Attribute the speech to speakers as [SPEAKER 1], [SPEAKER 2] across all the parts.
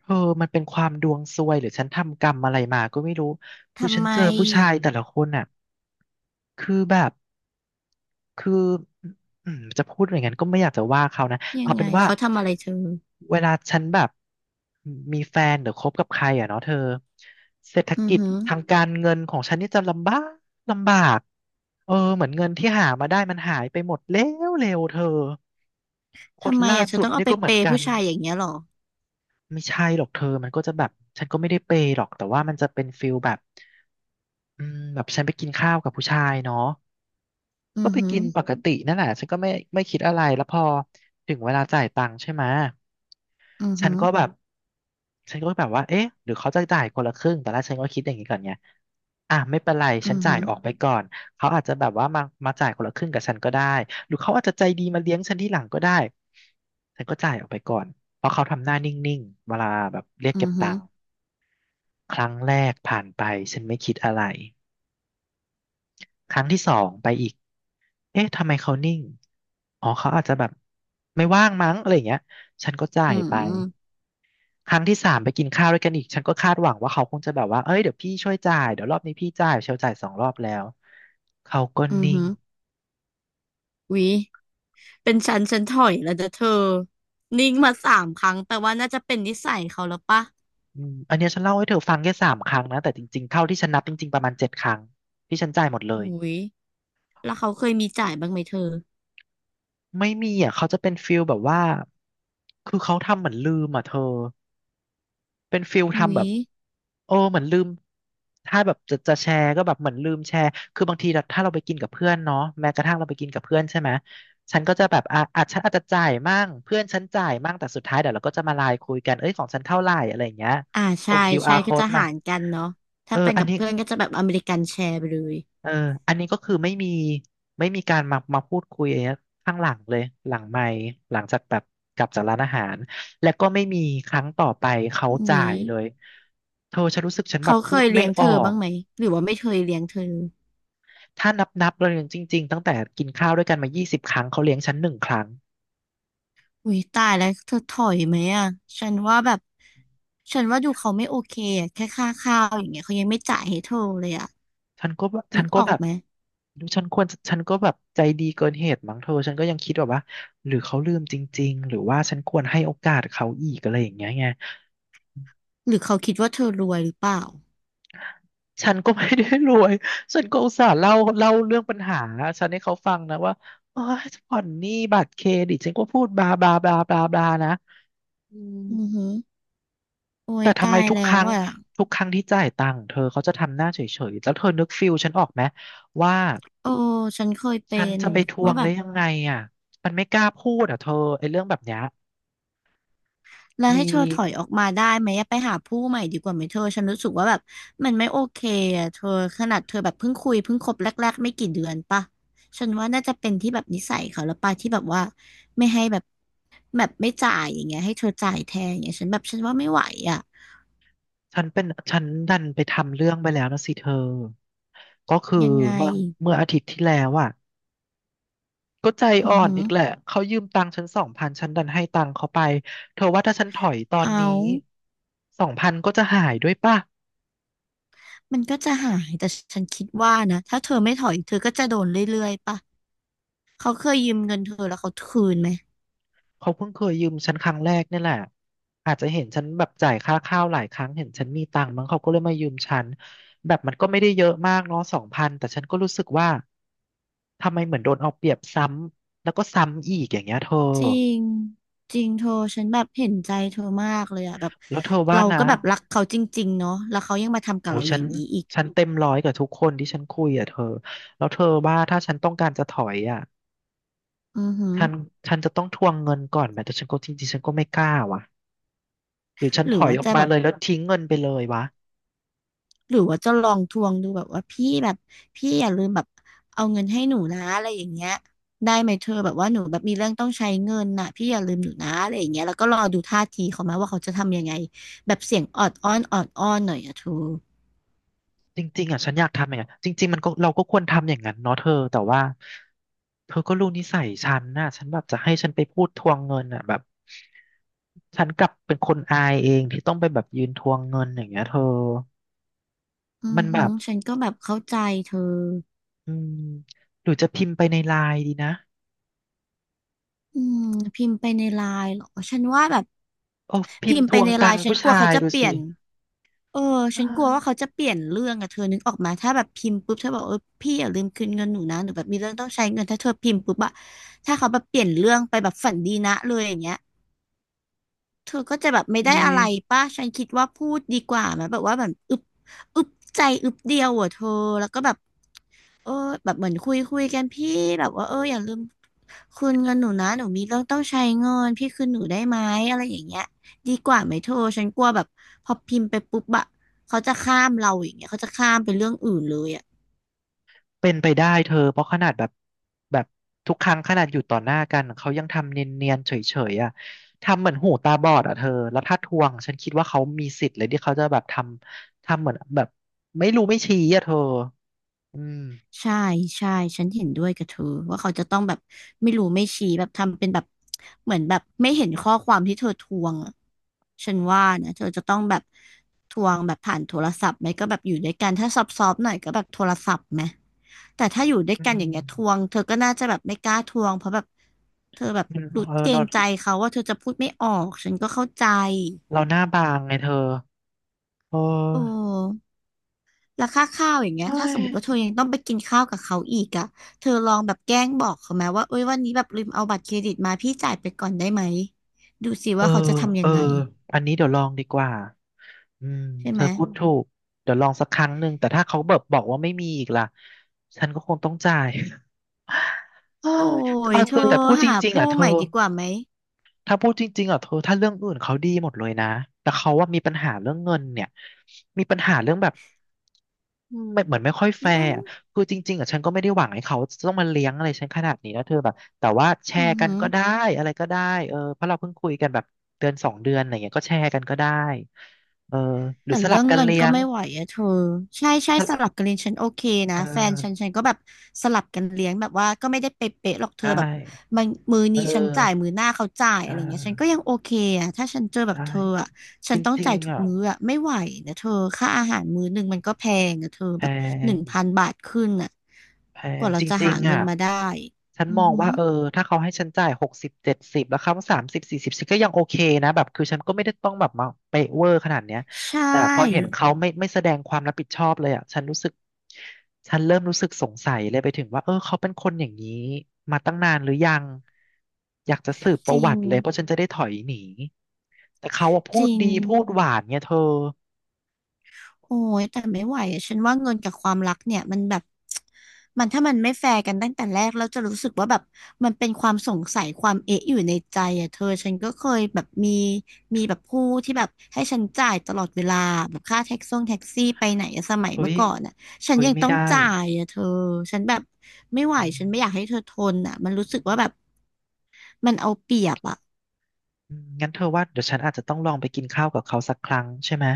[SPEAKER 1] เธอมันเป็นความดวงซวยหรือฉันทำกรรมอะไรมาก็ไม่รู้คือ
[SPEAKER 2] ทำ
[SPEAKER 1] ฉัน
[SPEAKER 2] ไม
[SPEAKER 1] เจอผู้ชายแต่ละคนอ่ะคือแบบคืออืมจะพูดอย่างนั้นก็ไม่อยากจะว่าเขานะ
[SPEAKER 2] ยั
[SPEAKER 1] เอา
[SPEAKER 2] งไง
[SPEAKER 1] เป็นว่า
[SPEAKER 2] เขาทำอะไรเธอ
[SPEAKER 1] เวลาฉันแบบมีแฟนหรือคบกับใครอ่ะเนาะเธอเศรษฐ
[SPEAKER 2] อือ
[SPEAKER 1] กิจ
[SPEAKER 2] หือ
[SPEAKER 1] ทางการเงินของฉันนี่จะลำบากลำบากเออเหมือนเงินที่หามาได้มันหายไปหมดแล้วเร็วเธอคน
[SPEAKER 2] ทำไม
[SPEAKER 1] ล่า
[SPEAKER 2] อ่ะเธอ
[SPEAKER 1] สุด
[SPEAKER 2] ต้องเอา
[SPEAKER 1] นี่
[SPEAKER 2] ไป
[SPEAKER 1] ก็เห
[SPEAKER 2] เป
[SPEAKER 1] มือน
[SPEAKER 2] ย์
[SPEAKER 1] กั
[SPEAKER 2] ผู้
[SPEAKER 1] น
[SPEAKER 2] ชายอย่างเงี้ยหรอ
[SPEAKER 1] ไม่ใช่หรอกเธอมันก็จะแบบฉันก็ไม่ได้เปย์หรอกแต่ว่ามันจะเป็นฟิลแบบแบบฉันไปกินข้าวกับผู้ชายเนาะ
[SPEAKER 2] อื
[SPEAKER 1] ก็
[SPEAKER 2] อ
[SPEAKER 1] ไป
[SPEAKER 2] หือ
[SPEAKER 1] กินปกตินั่นแหละฉันก็ไม่ไม่คิดอะไร แล้วพอถึงเวลาจ่ายตังค์ใช่ไหม
[SPEAKER 2] อือ
[SPEAKER 1] ฉั
[SPEAKER 2] หื
[SPEAKER 1] น
[SPEAKER 2] อ
[SPEAKER 1] ก็แบบฉันก็แบบว่าเอ๊ะหรือเขาจะจ่ายคนละครึ่งตอนแรกฉันก็คิดอย่างนี้ก่อนไงอ่ะไม่เป็นไร
[SPEAKER 2] อื
[SPEAKER 1] ฉัน
[SPEAKER 2] อ
[SPEAKER 1] จ่า
[SPEAKER 2] หื
[SPEAKER 1] ย
[SPEAKER 2] อ
[SPEAKER 1] ออกไปก่อน เขาอาจจะแบบว่ามาจ่ายคนละครึ่งกับฉันก็ได้หรือเขาอาจจะใจดีมาเลี้ยงฉันที่หลังก็ได้ ฉันก็จ่ายออกไปก่อนเพราะเขาทำหน้านิ่งๆ เวลาแบบเรียก
[SPEAKER 2] อื
[SPEAKER 1] เก็บ
[SPEAKER 2] อหื
[SPEAKER 1] ตั
[SPEAKER 2] อ
[SPEAKER 1] งค์ครั้งแรกผ่านไปฉันไม่คิดอะไร ครั้งที่สองไปอีกเอ๊ะทำไมเขานิ่งอ๋อเขาอาจจะแบบไม่ว่างมั้งอะไรอย่างเงี้ยฉันก็จ่า
[SPEAKER 2] อื
[SPEAKER 1] ย
[SPEAKER 2] อ
[SPEAKER 1] ไป
[SPEAKER 2] หือ
[SPEAKER 1] ครั้งที่สามไปกินข้าวด้วยกันอีก ฉันก็คาดหวังว่าเขาคงจะแบบว่าเอ้ยเดี๋ยวพี่ช่วยจ่ายเดี๋ยวรอบนี้พี่จ่ายเชลจ่ายสองรอบแล้ว เขาก็
[SPEAKER 2] อือ
[SPEAKER 1] นิ่ง
[SPEAKER 2] หือวิเป็นฉันถอยแล้วนะเธอนิ่งมา3 ครั้งแปลว่าน่าจะเป็นนิสัยเขาแล้วปะ
[SPEAKER 1] อันเนี้ยฉันเล่าให้เธอฟังแค่สามครั้งนะแต่จริงๆเท่าที่ฉันนับจริงๆประมาณเจ็ดครั้งที่ฉันจ่ายหมดเลย
[SPEAKER 2] อุ้ยแล้วเขาเคยมีจ่ายบ้างไหมเธอ
[SPEAKER 1] ไม่มีอ่ะเขาจะเป็นฟิลแบบว่าคือเขาทำเหมือนลืมอ่ะเธอ เป็นฟิล
[SPEAKER 2] อุ้
[SPEAKER 1] ทำแบ
[SPEAKER 2] ย
[SPEAKER 1] บโอ้เหมือนลืมถ้าแบบจะแชร์ก็แบบเหมือนลืมแชร์คือบางทีเราถ้าเราไปกินกับเพื่อนเนาะแม้กระทั่งเราไปกินกับเพื่อนใช่ไหมฉันก็จะแบบอ่ะฉันอาจจะจ่ายมั่งเพื่อนฉันจ่ายมั่งแต่สุดท้ายเดี๋ยวเราก็จะมาไลน์คุยกันเอ้ยของฉันเท่าไหร่อะไรอย่างเงี้ย
[SPEAKER 2] อ่า
[SPEAKER 1] ส่
[SPEAKER 2] ใช่
[SPEAKER 1] งคิวอา
[SPEAKER 2] ใช่
[SPEAKER 1] ร์ o
[SPEAKER 2] ก็จะ
[SPEAKER 1] code มา
[SPEAKER 2] หารกันเนาะ
[SPEAKER 1] เอ
[SPEAKER 2] ถ้า
[SPEAKER 1] อ
[SPEAKER 2] เป็น
[SPEAKER 1] อัน
[SPEAKER 2] กับ
[SPEAKER 1] นี้
[SPEAKER 2] เพื่อนก็จะแบบอเมริกันแชร์ไปเลย
[SPEAKER 1] เอออันนี้ก็คือไม่มีไม่มีการมาพูดคุยอะไรเงี้ยข้างหลังเลยหลังไมค์หลังจากแบบกลับจากร้านอาหารและก็ไม่มีครั้งต่อไปเขา
[SPEAKER 2] อุ้
[SPEAKER 1] จ่า
[SPEAKER 2] ย
[SPEAKER 1] ยเลยเธอฉันรู้สึกฉันแบ
[SPEAKER 2] เขา
[SPEAKER 1] บ
[SPEAKER 2] เค
[SPEAKER 1] พูด
[SPEAKER 2] ย
[SPEAKER 1] ไม่
[SPEAKER 2] เลี้ยง
[SPEAKER 1] อ
[SPEAKER 2] เธ
[SPEAKER 1] อ
[SPEAKER 2] อ
[SPEAKER 1] ก
[SPEAKER 2] บ้างไหมหรือว่าไม่เคยเลี้ยงเธอ
[SPEAKER 1] ถ้านับเลยจริงๆตั้งแต่กินข้าวด้วยกันมา20 ครั้งเขาเลี้ยงฉันหนึ่งครั้ง
[SPEAKER 2] อุ้ยตายแล้วเธอถอยไหมอ่ะฉันว่าแบบ ฉันว่าดูเขาไม่โอเคอะแค่ค่าข้าวอย่างเงี้ยเขายังไม่จ่ายให้เธอเลยอ่ะ
[SPEAKER 1] ฉันก็แบบฉั
[SPEAKER 2] นึ
[SPEAKER 1] น
[SPEAKER 2] ก
[SPEAKER 1] ก็
[SPEAKER 2] ออ
[SPEAKER 1] แบ
[SPEAKER 2] ก
[SPEAKER 1] บ
[SPEAKER 2] ไหม
[SPEAKER 1] ดูฉันควรฉันก็แบบใจดีเกินเหตุมั้งเธอฉันก็ยังคิดแบบว่าหรือเขาลืมจริงๆหรือว่าฉันควรให้โอกาสเขาอีกอะไรอย่างเงี้ยไง
[SPEAKER 2] หรือเขาคิดว่าเธอรวยหรือเปล่า
[SPEAKER 1] ฉันก็ไม่ได้รวยฉันก็อุตส่าห์เล่าเรื่องปัญหาฉันให้เขาฟังนะว่าโอ้ยผ่อนหนี้บัตรเครดิตฉันก็พูดบลาบลาบลาบลาบลานะ
[SPEAKER 2] อือหือโอ้
[SPEAKER 1] แต่
[SPEAKER 2] ย
[SPEAKER 1] ทำ
[SPEAKER 2] ตา
[SPEAKER 1] ไม
[SPEAKER 2] ย
[SPEAKER 1] ทุก
[SPEAKER 2] แล้
[SPEAKER 1] ค
[SPEAKER 2] ว
[SPEAKER 1] รั้ง
[SPEAKER 2] อ่ะ
[SPEAKER 1] ทุกครั้งที่จ่ายตังค์เธอเขาจะทำหน้าเฉยๆแล้วเธอนึกฟิลฉันออกไหมว่า
[SPEAKER 2] โอ้ ฉันเคยเป็
[SPEAKER 1] ฉัน
[SPEAKER 2] น
[SPEAKER 1] จะไปทว
[SPEAKER 2] ว่า
[SPEAKER 1] ง
[SPEAKER 2] แบ
[SPEAKER 1] ได้
[SPEAKER 2] บ
[SPEAKER 1] ยังไงอ่ะมันไม่กล้าพูดอ่ะเธอไอ้เรื่องแบบเนี้ย
[SPEAKER 2] แล้ว
[SPEAKER 1] มี
[SPEAKER 2] ให้เธอถอยออกมาได้ไหมอะไปหาผู้ใหม่ดีกว่าไหมเธอฉันรู้สึกว่าแบบมันไม่โอเคอะเธอขนาดเธอแบบเพิ่งคุยเพิ่งคบแรกๆไม่กี่เดือนปะฉันว่าน่าจะเป็นที่แบบนิสัยเขาแล้วปะที่แบบว่าไม่ให้แบบแบบไม่จ่ายอย่างเงี้ยให้เธอจ่ายแทนอย่างเงี้ยฉันแบบฉันว่าไม่ไหวอะ
[SPEAKER 1] ฉันเป็นฉันดันไปทำเรื่องไปแล้วนะสิเธอก็คือ
[SPEAKER 2] ยังไง
[SPEAKER 1] เมื่อเมื่ออาทิตย์ที่แล้วอ่ะ ก็ใจ
[SPEAKER 2] อื
[SPEAKER 1] อ่อ
[SPEAKER 2] อ
[SPEAKER 1] น
[SPEAKER 2] หือ
[SPEAKER 1] อีกแหละเขายืมตังค์ฉันสองพันฉันดันให้ตังค์เขาไปเธอว่าถ้าฉันถอยตอน
[SPEAKER 2] เอา
[SPEAKER 1] นี้สองพันก็จะหายด้วยป่ะ
[SPEAKER 2] มันก็จะหายแต่ฉันคิดว่านะถ้าเธอไม่ถอยเธอก็จะโดนเรื่อยๆปะเขาเคยยืมเงินเธอแล้วเขาคืนไหม
[SPEAKER 1] เขาเพิ่งเคยยืมฉันครั้งแรกนี่แหละอาจจะเห็นฉันแบบจ่ายค่าข้าวหลายครั้งเห็นฉันมีตังค์มั้งเขาก็เลยมายืมฉันแบบมันก็ไม่ได้เยอะมากเนาะสองพันแต่ฉันก็รู้สึกว่าทำไมเหมือนโดนเอาเปรียบซ้ำแล้วก็ซ้ำอีกอย่างเงี้ยเธอ
[SPEAKER 2] จริงจริงเธอฉันแบบเห็นใจเธอมากเลยอะแบบ
[SPEAKER 1] แล้วเธอว่า
[SPEAKER 2] เรา
[SPEAKER 1] นะ
[SPEAKER 2] ก็แบบรักเขาจริงๆเนาะแล้วเขายังมาทำกับ
[SPEAKER 1] โอ้ย
[SPEAKER 2] เราอ
[SPEAKER 1] ฉัน
[SPEAKER 2] ย่างนี้อีก
[SPEAKER 1] ฉันเต็มร้อยกับทุกคนที่ฉันคุยอ่ะเธอแล้วเธอว่าถ้าฉันต้องการจะถอยอ่ะ
[SPEAKER 2] อือหือ
[SPEAKER 1] ฉันฉันจะต้องทวงเงินก่อนไหมแต่ฉันก็จริงๆฉันก็ไม่กล้าว่ะหรือฉัน
[SPEAKER 2] ห
[SPEAKER 1] ถ
[SPEAKER 2] รือ
[SPEAKER 1] อย
[SPEAKER 2] ว่า
[SPEAKER 1] ออก
[SPEAKER 2] จะ
[SPEAKER 1] มา
[SPEAKER 2] แบบ
[SPEAKER 1] เลยแล้วทิ้งเงินไปเลยวะ
[SPEAKER 2] หรือว่าจะลองทวงดูแบบว่าพี่แบบพี่อย่าลืมแบบเอาเงินให้หนูนะอะไรอย่างเงี้ยได้ไหมเธอแบบว่าหนูแบบมีเรื่องต้องใช้เงินน่ะพี่อย่าลืมหนูนะอะไรอย่างเงี้ยแล้วก็รอดูท่าทีเขามาว่าเขาจะทำยังไงแบบเสียงออดอ้อนออดอ้อนหน่อยอะเธอ
[SPEAKER 1] จริงๆอ่ะฉันอยากทำอย่างนั้นจริงๆมันก็เราก็ควรทำอย่างนั้นเนาะเธอแต่ว่าเธอก็รู้นิสัยฉันน่ะฉันแบบจะให้ฉันไปพูดทวงเงินอ่ะแบบฉันกลับเป็นคนอายเองที่ต้องไปแบบยืนทวงเงินอย่างเงี้ยเธอ
[SPEAKER 2] อื
[SPEAKER 1] มั
[SPEAKER 2] อ
[SPEAKER 1] นแบ
[SPEAKER 2] หือ
[SPEAKER 1] บ
[SPEAKER 2] ฉันก็แบบเข้าใจเธอ
[SPEAKER 1] อืมหรือจะพิมพ์ไปในไลน์ดีนะ
[SPEAKER 2] อืมพิมพ์ไปในไลน์เหรอฉันว่าแบบ
[SPEAKER 1] โอ้พิ
[SPEAKER 2] พิ
[SPEAKER 1] ม
[SPEAKER 2] ม
[SPEAKER 1] พ์
[SPEAKER 2] พ์
[SPEAKER 1] ท
[SPEAKER 2] ไป
[SPEAKER 1] วง
[SPEAKER 2] ในไล
[SPEAKER 1] ตัง
[SPEAKER 2] น์
[SPEAKER 1] ค์
[SPEAKER 2] ฉัน
[SPEAKER 1] ผู้
[SPEAKER 2] กลัว
[SPEAKER 1] ชา
[SPEAKER 2] เขา
[SPEAKER 1] ย
[SPEAKER 2] จะ
[SPEAKER 1] ดู
[SPEAKER 2] เปลี่
[SPEAKER 1] สิ
[SPEAKER 2] ยนเออฉันกลัวว่าเขาจะเปลี่ยนเรื่องอะเธอนึกออกมาถ้าแบบพิมพ์ปุ๊บเธอบอกเออพี่อย่าลืมคืนเงินหนูนะหนูแบบมีเรื่องต้องใช้เงินถ้าเธอพิมพ์ปุ๊บอะถ้าเขาแบบเปลี่ยนเรื่องไปแบบฝันดีนะเลยอย่างเงี้ยเธอก็จะแบบไม่
[SPEAKER 1] เฮ้
[SPEAKER 2] ได้
[SPEAKER 1] ย
[SPEAKER 2] อะไรป่ะฉันคิดว่าพูดดีกว่าไหมแบบว่าแบบอึบใจอึบเดียวอะเธอแล้วก็แบบ เออแบบเหมือนคุยกันพี่แบบว่าเอออย่าลืมคืนเงินหนูนะหนูมีเรื่องต้องใช้เงินพี่คืนหนูได้ไหมอะไรอย่างเงี้ยดีกว่าไหมเธอฉันกลัวแบบพอพิมพ์ไปปุ๊บอะเขาจะข้ามเราอย่างเงี้ยเขาจะข้ามไปเรื่องอื่นเลยอะ
[SPEAKER 1] เป็นไปได้เธอเพราะขนาดแบบทุกครั้งขนาดอยู่ต่อหน้ากันเขายังทำเนียนๆเฉยๆอ่ะทำเหมือนหูตาบอดอ่ะเธอแล้วถ้าทวงฉันคิดว่าเขามีสิทธิ์เลยที่เขาจะแบบทำเหมือนแบบไม่รู้ไม่ชี้อ่ะเธออืม
[SPEAKER 2] ใช่ใช่ฉันเห็นด้วยกับเธอว่าเขาจะต้องแบบไม่รู้ไม่ชี้แบบทำเป็นแบบเหมือนแบบไม่เห็นข้อความที่เธอทวงอะฉันว่านะเธอจะต้องแบบทวงแบบผ่านโทรศัพท์ไหมก็แบบอยู่ด้วยกันถ้าซอฟๆหน่อยก็แบบโทรศัพท์ไหมแต่ถ้าอยู่ด้วย
[SPEAKER 1] อื
[SPEAKER 2] กันอ
[SPEAKER 1] ม
[SPEAKER 2] ย่างเงี้ยทวงเธอก็น่าจะแบบไม่กล้าทวงเพราะแบบเธอแบบ
[SPEAKER 1] อืม
[SPEAKER 2] รู้
[SPEAKER 1] เออ
[SPEAKER 2] เกร
[SPEAKER 1] เรา
[SPEAKER 2] งใจเขาว่าเธอจะพูดไม่ออกฉันก็เข้าใจ
[SPEAKER 1] เราหน้าบางไงเธอเอ
[SPEAKER 2] โอ
[SPEAKER 1] อ
[SPEAKER 2] ้ แล้วค่าข้าวอย่างเงี้ย
[SPEAKER 1] เฮ้
[SPEAKER 2] ถ้าสมมติ
[SPEAKER 1] ย
[SPEAKER 2] ว่าเธอยังต้องไปกินข้าวกับเขาอีกอะเธอลองแบบแกล้งบอกเขาไหมว่าเอ้ยวันนี้แบบลืมเอาบัตรเครดิตมาพี่จ่ายไปก่อนได้ไหม ดูสิ
[SPEAKER 1] เออ
[SPEAKER 2] ว่าเขาจะทำ
[SPEAKER 1] เอ
[SPEAKER 2] ยั
[SPEAKER 1] อ
[SPEAKER 2] งไง
[SPEAKER 1] อันนี้เดี๋ยวลองดีกว่าอืม
[SPEAKER 2] ใช่
[SPEAKER 1] เธ
[SPEAKER 2] ไหม
[SPEAKER 1] อพูดถูกเดี๋ยวลองสักครั้งหนึ่งแต่ถ้าเขาแบบบอกว่าไม่มีอีกล่ะฉันก็คงต้องจ่าย เออ
[SPEAKER 2] โอ้ย
[SPEAKER 1] เอา
[SPEAKER 2] เธ
[SPEAKER 1] เธอ
[SPEAKER 2] อ
[SPEAKER 1] แต่พูดจ
[SPEAKER 2] หา
[SPEAKER 1] ริงๆอ่ะ
[SPEAKER 2] ผู้
[SPEAKER 1] เธ
[SPEAKER 2] ให
[SPEAKER 1] อ
[SPEAKER 2] ม่ดีกว่าไหม
[SPEAKER 1] ถ้าพูดจริงๆอ่ะเธอถ้าเรื่องอื่นเขาดีหมดเลยนะแต่เขาว่ามีปัญหาเรื่องเงินเนี่ยมีปัญหาเรื่องแบบไม่เหมือนไม่ค่อยแฟ
[SPEAKER 2] เรื่อ
[SPEAKER 1] ร์
[SPEAKER 2] ง
[SPEAKER 1] อะคือจริงๆอ่ะฉันก็ไม่ได้หวังให้เขาจะต้องมาเลี้ยงอะไรฉันขนาดนี้นะเธอแบบแต่ว่าแช
[SPEAKER 2] อือ
[SPEAKER 1] ร์กัน
[SPEAKER 2] หือ
[SPEAKER 1] ก็ได้อะไรก็ได้เออเพราะเราเพิ่งคุยกันแบบเดือนสองเดือนอะไรเงี้ยก็แชร์กันก็ได้เออหรื
[SPEAKER 2] แต่
[SPEAKER 1] อสลั
[SPEAKER 2] เรื่
[SPEAKER 1] บ
[SPEAKER 2] อง
[SPEAKER 1] กัน
[SPEAKER 2] เงิน
[SPEAKER 1] เลี้
[SPEAKER 2] ก็
[SPEAKER 1] ยง
[SPEAKER 2] ไม่ไหวอะเธอใช่ใช่
[SPEAKER 1] สลั
[SPEAKER 2] ส
[SPEAKER 1] บ
[SPEAKER 2] ลับกันเลี้ยงฉันโอเคนะ
[SPEAKER 1] เอ
[SPEAKER 2] แฟนฉันฉั
[SPEAKER 1] อ
[SPEAKER 2] นก็แบบสลับกันเลี้ยงแบบว่าก็ไม่ได้เป๊ะๆหรอกเธ
[SPEAKER 1] ใช่
[SPEAKER 2] อแบบมันมือ
[SPEAKER 1] เอ
[SPEAKER 2] นี้ฉันจ่าย
[SPEAKER 1] อ
[SPEAKER 2] มือหน้าเขาจ่าย
[SPEAKER 1] เอ
[SPEAKER 2] อะ
[SPEAKER 1] อ
[SPEAKER 2] ไรเงี้ยฉันก็ยังโอเคอะถ้าฉันเจอแบ
[SPEAKER 1] ใช่
[SPEAKER 2] บเธออะฉั
[SPEAKER 1] จ
[SPEAKER 2] นต้อง
[SPEAKER 1] ริง
[SPEAKER 2] จ่ายทุ
[SPEAKER 1] ๆ
[SPEAKER 2] ก
[SPEAKER 1] อ่ะ
[SPEAKER 2] มื้ออะไม่ไหวนะเธอค่าอาหารมื้อหนึ่งมันก็แพงอะเธอ
[SPEAKER 1] แพ
[SPEAKER 2] แบบหนึ่งพัน
[SPEAKER 1] ง
[SPEAKER 2] บาทขึ้นอะ
[SPEAKER 1] แพ
[SPEAKER 2] ก
[SPEAKER 1] ง
[SPEAKER 2] ว่าเรา
[SPEAKER 1] จ
[SPEAKER 2] จะ
[SPEAKER 1] ริ
[SPEAKER 2] หา
[SPEAKER 1] งๆ
[SPEAKER 2] เงิ
[SPEAKER 1] อ่ะ
[SPEAKER 2] นมาได้
[SPEAKER 1] ฉัน
[SPEAKER 2] อื
[SPEAKER 1] ม
[SPEAKER 2] อ
[SPEAKER 1] อง
[SPEAKER 2] หือ
[SPEAKER 1] ว่าเออถ้าเขาให้ฉันจ่าย6070แล้วเขา3040ฉันก็ยังโอเคนะแบบคือฉันก็ไม่ได้ต้องแบบมาเปะเวอร์ขนาดเนี้ย
[SPEAKER 2] ใช
[SPEAKER 1] แต่พอเห็น
[SPEAKER 2] ่
[SPEAKER 1] เขาไม่แสดงความรับผิดชอบเลยอ่ะฉันรู้สึกฉันเริ่มรู้สึกสงสัยเลยไปถึงว่าเออเขาเป็นคนอย่างนี้มาตั้งนานหรือยังอยากจะสืบป
[SPEAKER 2] จ
[SPEAKER 1] ระ
[SPEAKER 2] ริ
[SPEAKER 1] วั
[SPEAKER 2] ง
[SPEAKER 1] ติเลยเพราะฉันจะได้ถอยหนีแต่เขาอะพู
[SPEAKER 2] จ
[SPEAKER 1] ด
[SPEAKER 2] ริง
[SPEAKER 1] ดีพูดหวานเนี่ยเธอ
[SPEAKER 2] โอ้ยแต่ไม่ไหวอะฉันว่าเงินกับความรักเนี่ยมันแบบ มันถ้ามันไม่แฟร์กันตั้งแต่แรกแล้วจะรู้สึกว่าแบบมันเป็นความสงสัยความเอ๊ะอยู่ในใจอ่ะเธอฉันก็เคยแบบมีแบบผู้ที่แบบให้ฉันจ่ายตลอดเวลาแบบค่าแท็กซ่งแท็กซี่ไปไหนอะสมัย
[SPEAKER 1] เฮ้
[SPEAKER 2] เมื่อ
[SPEAKER 1] ย
[SPEAKER 2] ก่อนอ่ะฉัน
[SPEAKER 1] เฮ้ย
[SPEAKER 2] ยัง
[SPEAKER 1] ไม่
[SPEAKER 2] ต้อง
[SPEAKER 1] ได้
[SPEAKER 2] จ่ายอ่ะเธอฉันแบบไม่ไหว
[SPEAKER 1] อืม
[SPEAKER 2] ฉันไม่อยากให้เธอทนอ่ะมันรู้สึกว่าแบบมันเอาเปรียบอ่ะ
[SPEAKER 1] อืมงั้นเธอว่าเดี๋ยวฉันอาจจะต้องลองไปกินข้าวกับเขาสักครั้งใช่ไหม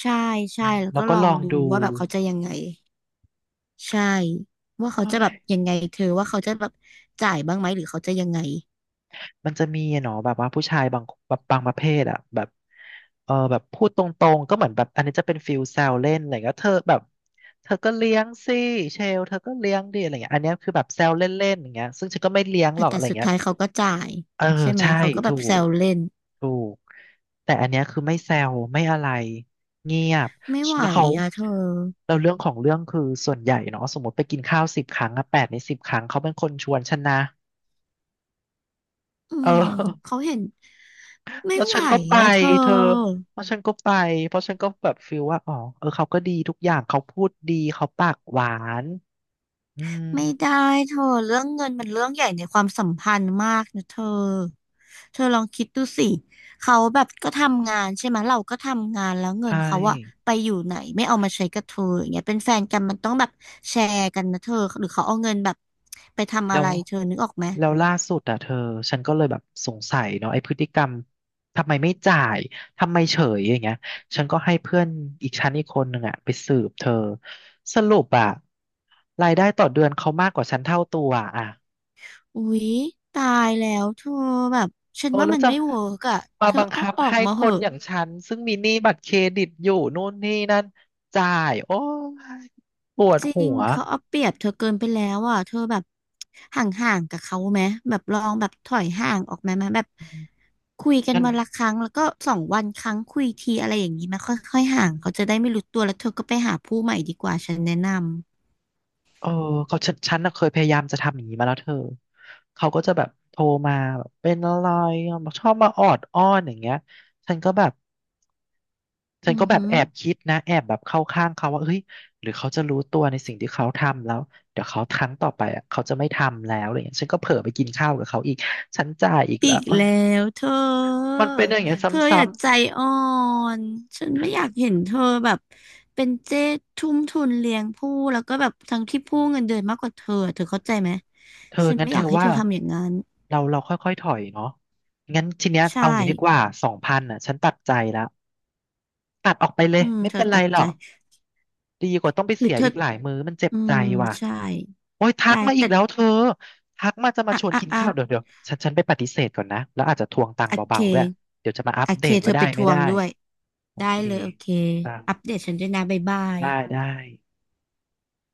[SPEAKER 2] ใช่ใช่แล้ว
[SPEAKER 1] แล้
[SPEAKER 2] ก็
[SPEAKER 1] วก็
[SPEAKER 2] ลอ
[SPEAKER 1] ล
[SPEAKER 2] ง
[SPEAKER 1] อง
[SPEAKER 2] ดู
[SPEAKER 1] ดู
[SPEAKER 2] ว่าแบบเขาจะยังไงใช่ว่าเขา
[SPEAKER 1] เฮ้
[SPEAKER 2] จะแบบ
[SPEAKER 1] ย
[SPEAKER 2] ยังไงเธอว่าเขาจะแบบจ่ายบ้างไหมหรือเขาจะยังไง
[SPEAKER 1] มันจะมีอะเนาะแบบว่าผู้ชายบางแบบบางประเภทอะแบบเออแบบพูดตรงๆก็เหมือนแบบอันนี้จะเป็นฟิลแซวเล่นอะไรเงี้ยเธอแบบเธอก็เลี้ยงสิเชลเธอก็เลี้ยงดิอะไรเงี้ยอันเนี้ยคือแบบแซวเล่นๆอย่างเงี้ยซึ่งฉันก็ไม่เลี้ยงห
[SPEAKER 2] อ่ะ
[SPEAKER 1] รอกอะ
[SPEAKER 2] แต่
[SPEAKER 1] ไร
[SPEAKER 2] สุด
[SPEAKER 1] เงี้ย
[SPEAKER 2] ท้ายเขาก็จ่าย
[SPEAKER 1] เออ
[SPEAKER 2] ใช่ไหม
[SPEAKER 1] ใช่
[SPEAKER 2] เขาก็แบ
[SPEAKER 1] ถู
[SPEAKER 2] บแซ
[SPEAKER 1] ก
[SPEAKER 2] วเล่น
[SPEAKER 1] ถูกแต่อันเนี้ยคือไม่แซวไม่อะไรเงียบ
[SPEAKER 2] ไม่ไหว
[SPEAKER 1] แล้วเขา
[SPEAKER 2] อ่ะเธอ
[SPEAKER 1] เราเรื่องของเรื่องคือส่วนใหญ่เนาะสมมติไปกินข้าวสิบครั้งอะ8 ใน 10 ครั้งเขาเป็นคนชวนฉันนะ
[SPEAKER 2] อื
[SPEAKER 1] เออ
[SPEAKER 2] ม เขาเห็นไม่
[SPEAKER 1] แล้ว
[SPEAKER 2] ไหว
[SPEAKER 1] ฉันก็ไป
[SPEAKER 2] อ่ะเธ
[SPEAKER 1] เธอ
[SPEAKER 2] อ
[SPEAKER 1] เพราะฉันก็ไปเพราะฉันก็แบบฟีลว่าอ๋อเออเขาก็ดีทุกอย่างเขาพูดดีเขาปากหวานอืม
[SPEAKER 2] ไม่ได้เธอเรื่องเงินมันเรื่องใหญ่ในความสัมพันธ์มากนะเธอเธอลองคิดดูสิเขาแบบก็ทำงานใช่ไหมเราก็ทำงานแล้วเงิ
[SPEAKER 1] ใช่
[SPEAKER 2] นเขาอะไปอยู่ไหนไม่เอามาใช้กับเธออย่างเงี้ยเป็นแฟนกันมันต้องแบบแชร์กันนะเธอหรือเขาเอาเงินแบบไปทำ
[SPEAKER 1] แล้
[SPEAKER 2] อะ
[SPEAKER 1] ว
[SPEAKER 2] ไรเธอนึกออกไหม
[SPEAKER 1] แล้วล่าสุดอ่ะเธอฉันก็เลยแบบสงสัยเนาะไอ้พฤติกรรมทำไมไม่จ่ายทำไมเฉยอย่างเงี้ยฉันก็ให้เพื่อนอีกชั้นอีกคนหนึ่งอ่ะไปสืบเธอสรุปอ่ะรายได้ต่อเดือนเขามากกว่าฉันเท่าตัวอ่ะ
[SPEAKER 2] อุ๊ยตายแล้วเธอแบบฉัน
[SPEAKER 1] โอ้
[SPEAKER 2] ว่า
[SPEAKER 1] แล้ว
[SPEAKER 2] มัน
[SPEAKER 1] จะ
[SPEAKER 2] ไม่เวิร์กอะ
[SPEAKER 1] มา
[SPEAKER 2] เธอ
[SPEAKER 1] บัง
[SPEAKER 2] เอา
[SPEAKER 1] คับ
[SPEAKER 2] ออก
[SPEAKER 1] ให้
[SPEAKER 2] มา
[SPEAKER 1] ค
[SPEAKER 2] เห
[SPEAKER 1] น
[SPEAKER 2] อะ
[SPEAKER 1] อย่างฉันซึ่งมีหนี้บัตรเครดิตอยู่นู่นนี่นั่นจ่ายโอ้ยปวด
[SPEAKER 2] จริ
[SPEAKER 1] หั
[SPEAKER 2] ง
[SPEAKER 1] ว
[SPEAKER 2] เขาเอาเปรียบเธอเกินไปแล้วอ่ะเธอแบบห่างๆกับเขาไหมแบบลองแบบถอยห่างออกมาไหมแบบ
[SPEAKER 1] อืม
[SPEAKER 2] คุยกัน
[SPEAKER 1] งั้น
[SPEAKER 2] วันละครั้งแล้วก็สองวันครั้งคุยทีอะไรอย่างนี้ไหมาค่อยๆห่างเขาจะได้ไม่รู้ตัวแล้วเธอก็ไปหาผู้ใหม่ดีกว่าฉันแนะน
[SPEAKER 1] เออเขาฉันน่ะเคยพยายามจะทำอย่างนี้มาแล้วเธอเขาก็จะแบบโทรมาแบบเป็นอะไรอ่ะชอบมาออดอ้อนอย่างเงี้ยฉันก็แบบ
[SPEAKER 2] ำ
[SPEAKER 1] ฉัน
[SPEAKER 2] อื
[SPEAKER 1] ก็
[SPEAKER 2] อ
[SPEAKER 1] แบบ
[SPEAKER 2] หือ
[SPEAKER 1] แอบคิดนะแอบแบบเข้าข้างเขาว่าเฮ้ยหรือเขาจะรู้ตัวในสิ่งที่เขาทำแล้วเดี๋ยวเขาครั้งต่อไปอ่ะเขาจะไม่ทำแล้วอะไรเงี้ยฉันก็เผลอไปกินข้าวกับเขาอีกฉันจ่ายอีกแล้
[SPEAKER 2] อี
[SPEAKER 1] ว
[SPEAKER 2] ก
[SPEAKER 1] โอ๊ย
[SPEAKER 2] แล้วเธอ
[SPEAKER 1] มันเป็นอย่างเงี้ย
[SPEAKER 2] เธออ
[SPEAKER 1] ซ้
[SPEAKER 2] ย่าใจอ่อน ฉันไม่อยากเห็นเธอแบบเป็นเจ๊ทุ่มทุนเลี้ยงผู้แล้วก็แบบทั้งที่ผู้เงินเดือนมากกว่าเธอเธอเข้าใจไหม
[SPEAKER 1] ำๆเธอ
[SPEAKER 2] ฉัน
[SPEAKER 1] งั้
[SPEAKER 2] ไม่
[SPEAKER 1] นเธ
[SPEAKER 2] อ
[SPEAKER 1] อ
[SPEAKER 2] ยากให้
[SPEAKER 1] ว่า
[SPEAKER 2] เธอทำอย่างนั้น
[SPEAKER 1] เราค่อยๆถอยเนาะงั้นทีเนี้ย
[SPEAKER 2] ใช่
[SPEAKER 1] เอาอย่างนี้ดีกว่า2,000อ่ะฉันตัดใจแล้วตัดออกไปเลย
[SPEAKER 2] อืม
[SPEAKER 1] ไม่
[SPEAKER 2] เธอ
[SPEAKER 1] เป็นไร
[SPEAKER 2] ตัด
[SPEAKER 1] หร
[SPEAKER 2] ใจ
[SPEAKER 1] อก ดีกว่าต้องไป
[SPEAKER 2] หรื
[SPEAKER 1] เสี
[SPEAKER 2] อ
[SPEAKER 1] ย
[SPEAKER 2] เธอ
[SPEAKER 1] อีกหลายมื้อมันเจ็บ
[SPEAKER 2] อื
[SPEAKER 1] ใจ
[SPEAKER 2] ม
[SPEAKER 1] ว่ะ
[SPEAKER 2] ใช่
[SPEAKER 1] โอ้ยทั
[SPEAKER 2] ได้
[SPEAKER 1] กมาอี
[SPEAKER 2] แต่
[SPEAKER 1] กแล้วเธอทักมาจะมา
[SPEAKER 2] อ่ะ
[SPEAKER 1] ชวน
[SPEAKER 2] อ่ะ
[SPEAKER 1] กิน
[SPEAKER 2] อ่ะ
[SPEAKER 1] ข้าวเดี๋ยวเดี๋ยวฉันไปปฏิเสธก่อนนะแล้วอาจจะทวงตังค์
[SPEAKER 2] โอเค
[SPEAKER 1] เบาๆด้วยเดี๋ยวจะมาอัป
[SPEAKER 2] โอ
[SPEAKER 1] เด
[SPEAKER 2] เค
[SPEAKER 1] ต
[SPEAKER 2] เธ
[SPEAKER 1] ว่า
[SPEAKER 2] อ
[SPEAKER 1] ได้
[SPEAKER 2] ไปท
[SPEAKER 1] ไม่
[SPEAKER 2] ว
[SPEAKER 1] ได้
[SPEAKER 2] งด้วย
[SPEAKER 1] โอ
[SPEAKER 2] ได้
[SPEAKER 1] เค
[SPEAKER 2] เลยโอเค
[SPEAKER 1] ตังค์
[SPEAKER 2] อัปเดตฉันด้วยนะบ๊ายบาย
[SPEAKER 1] ได้ได้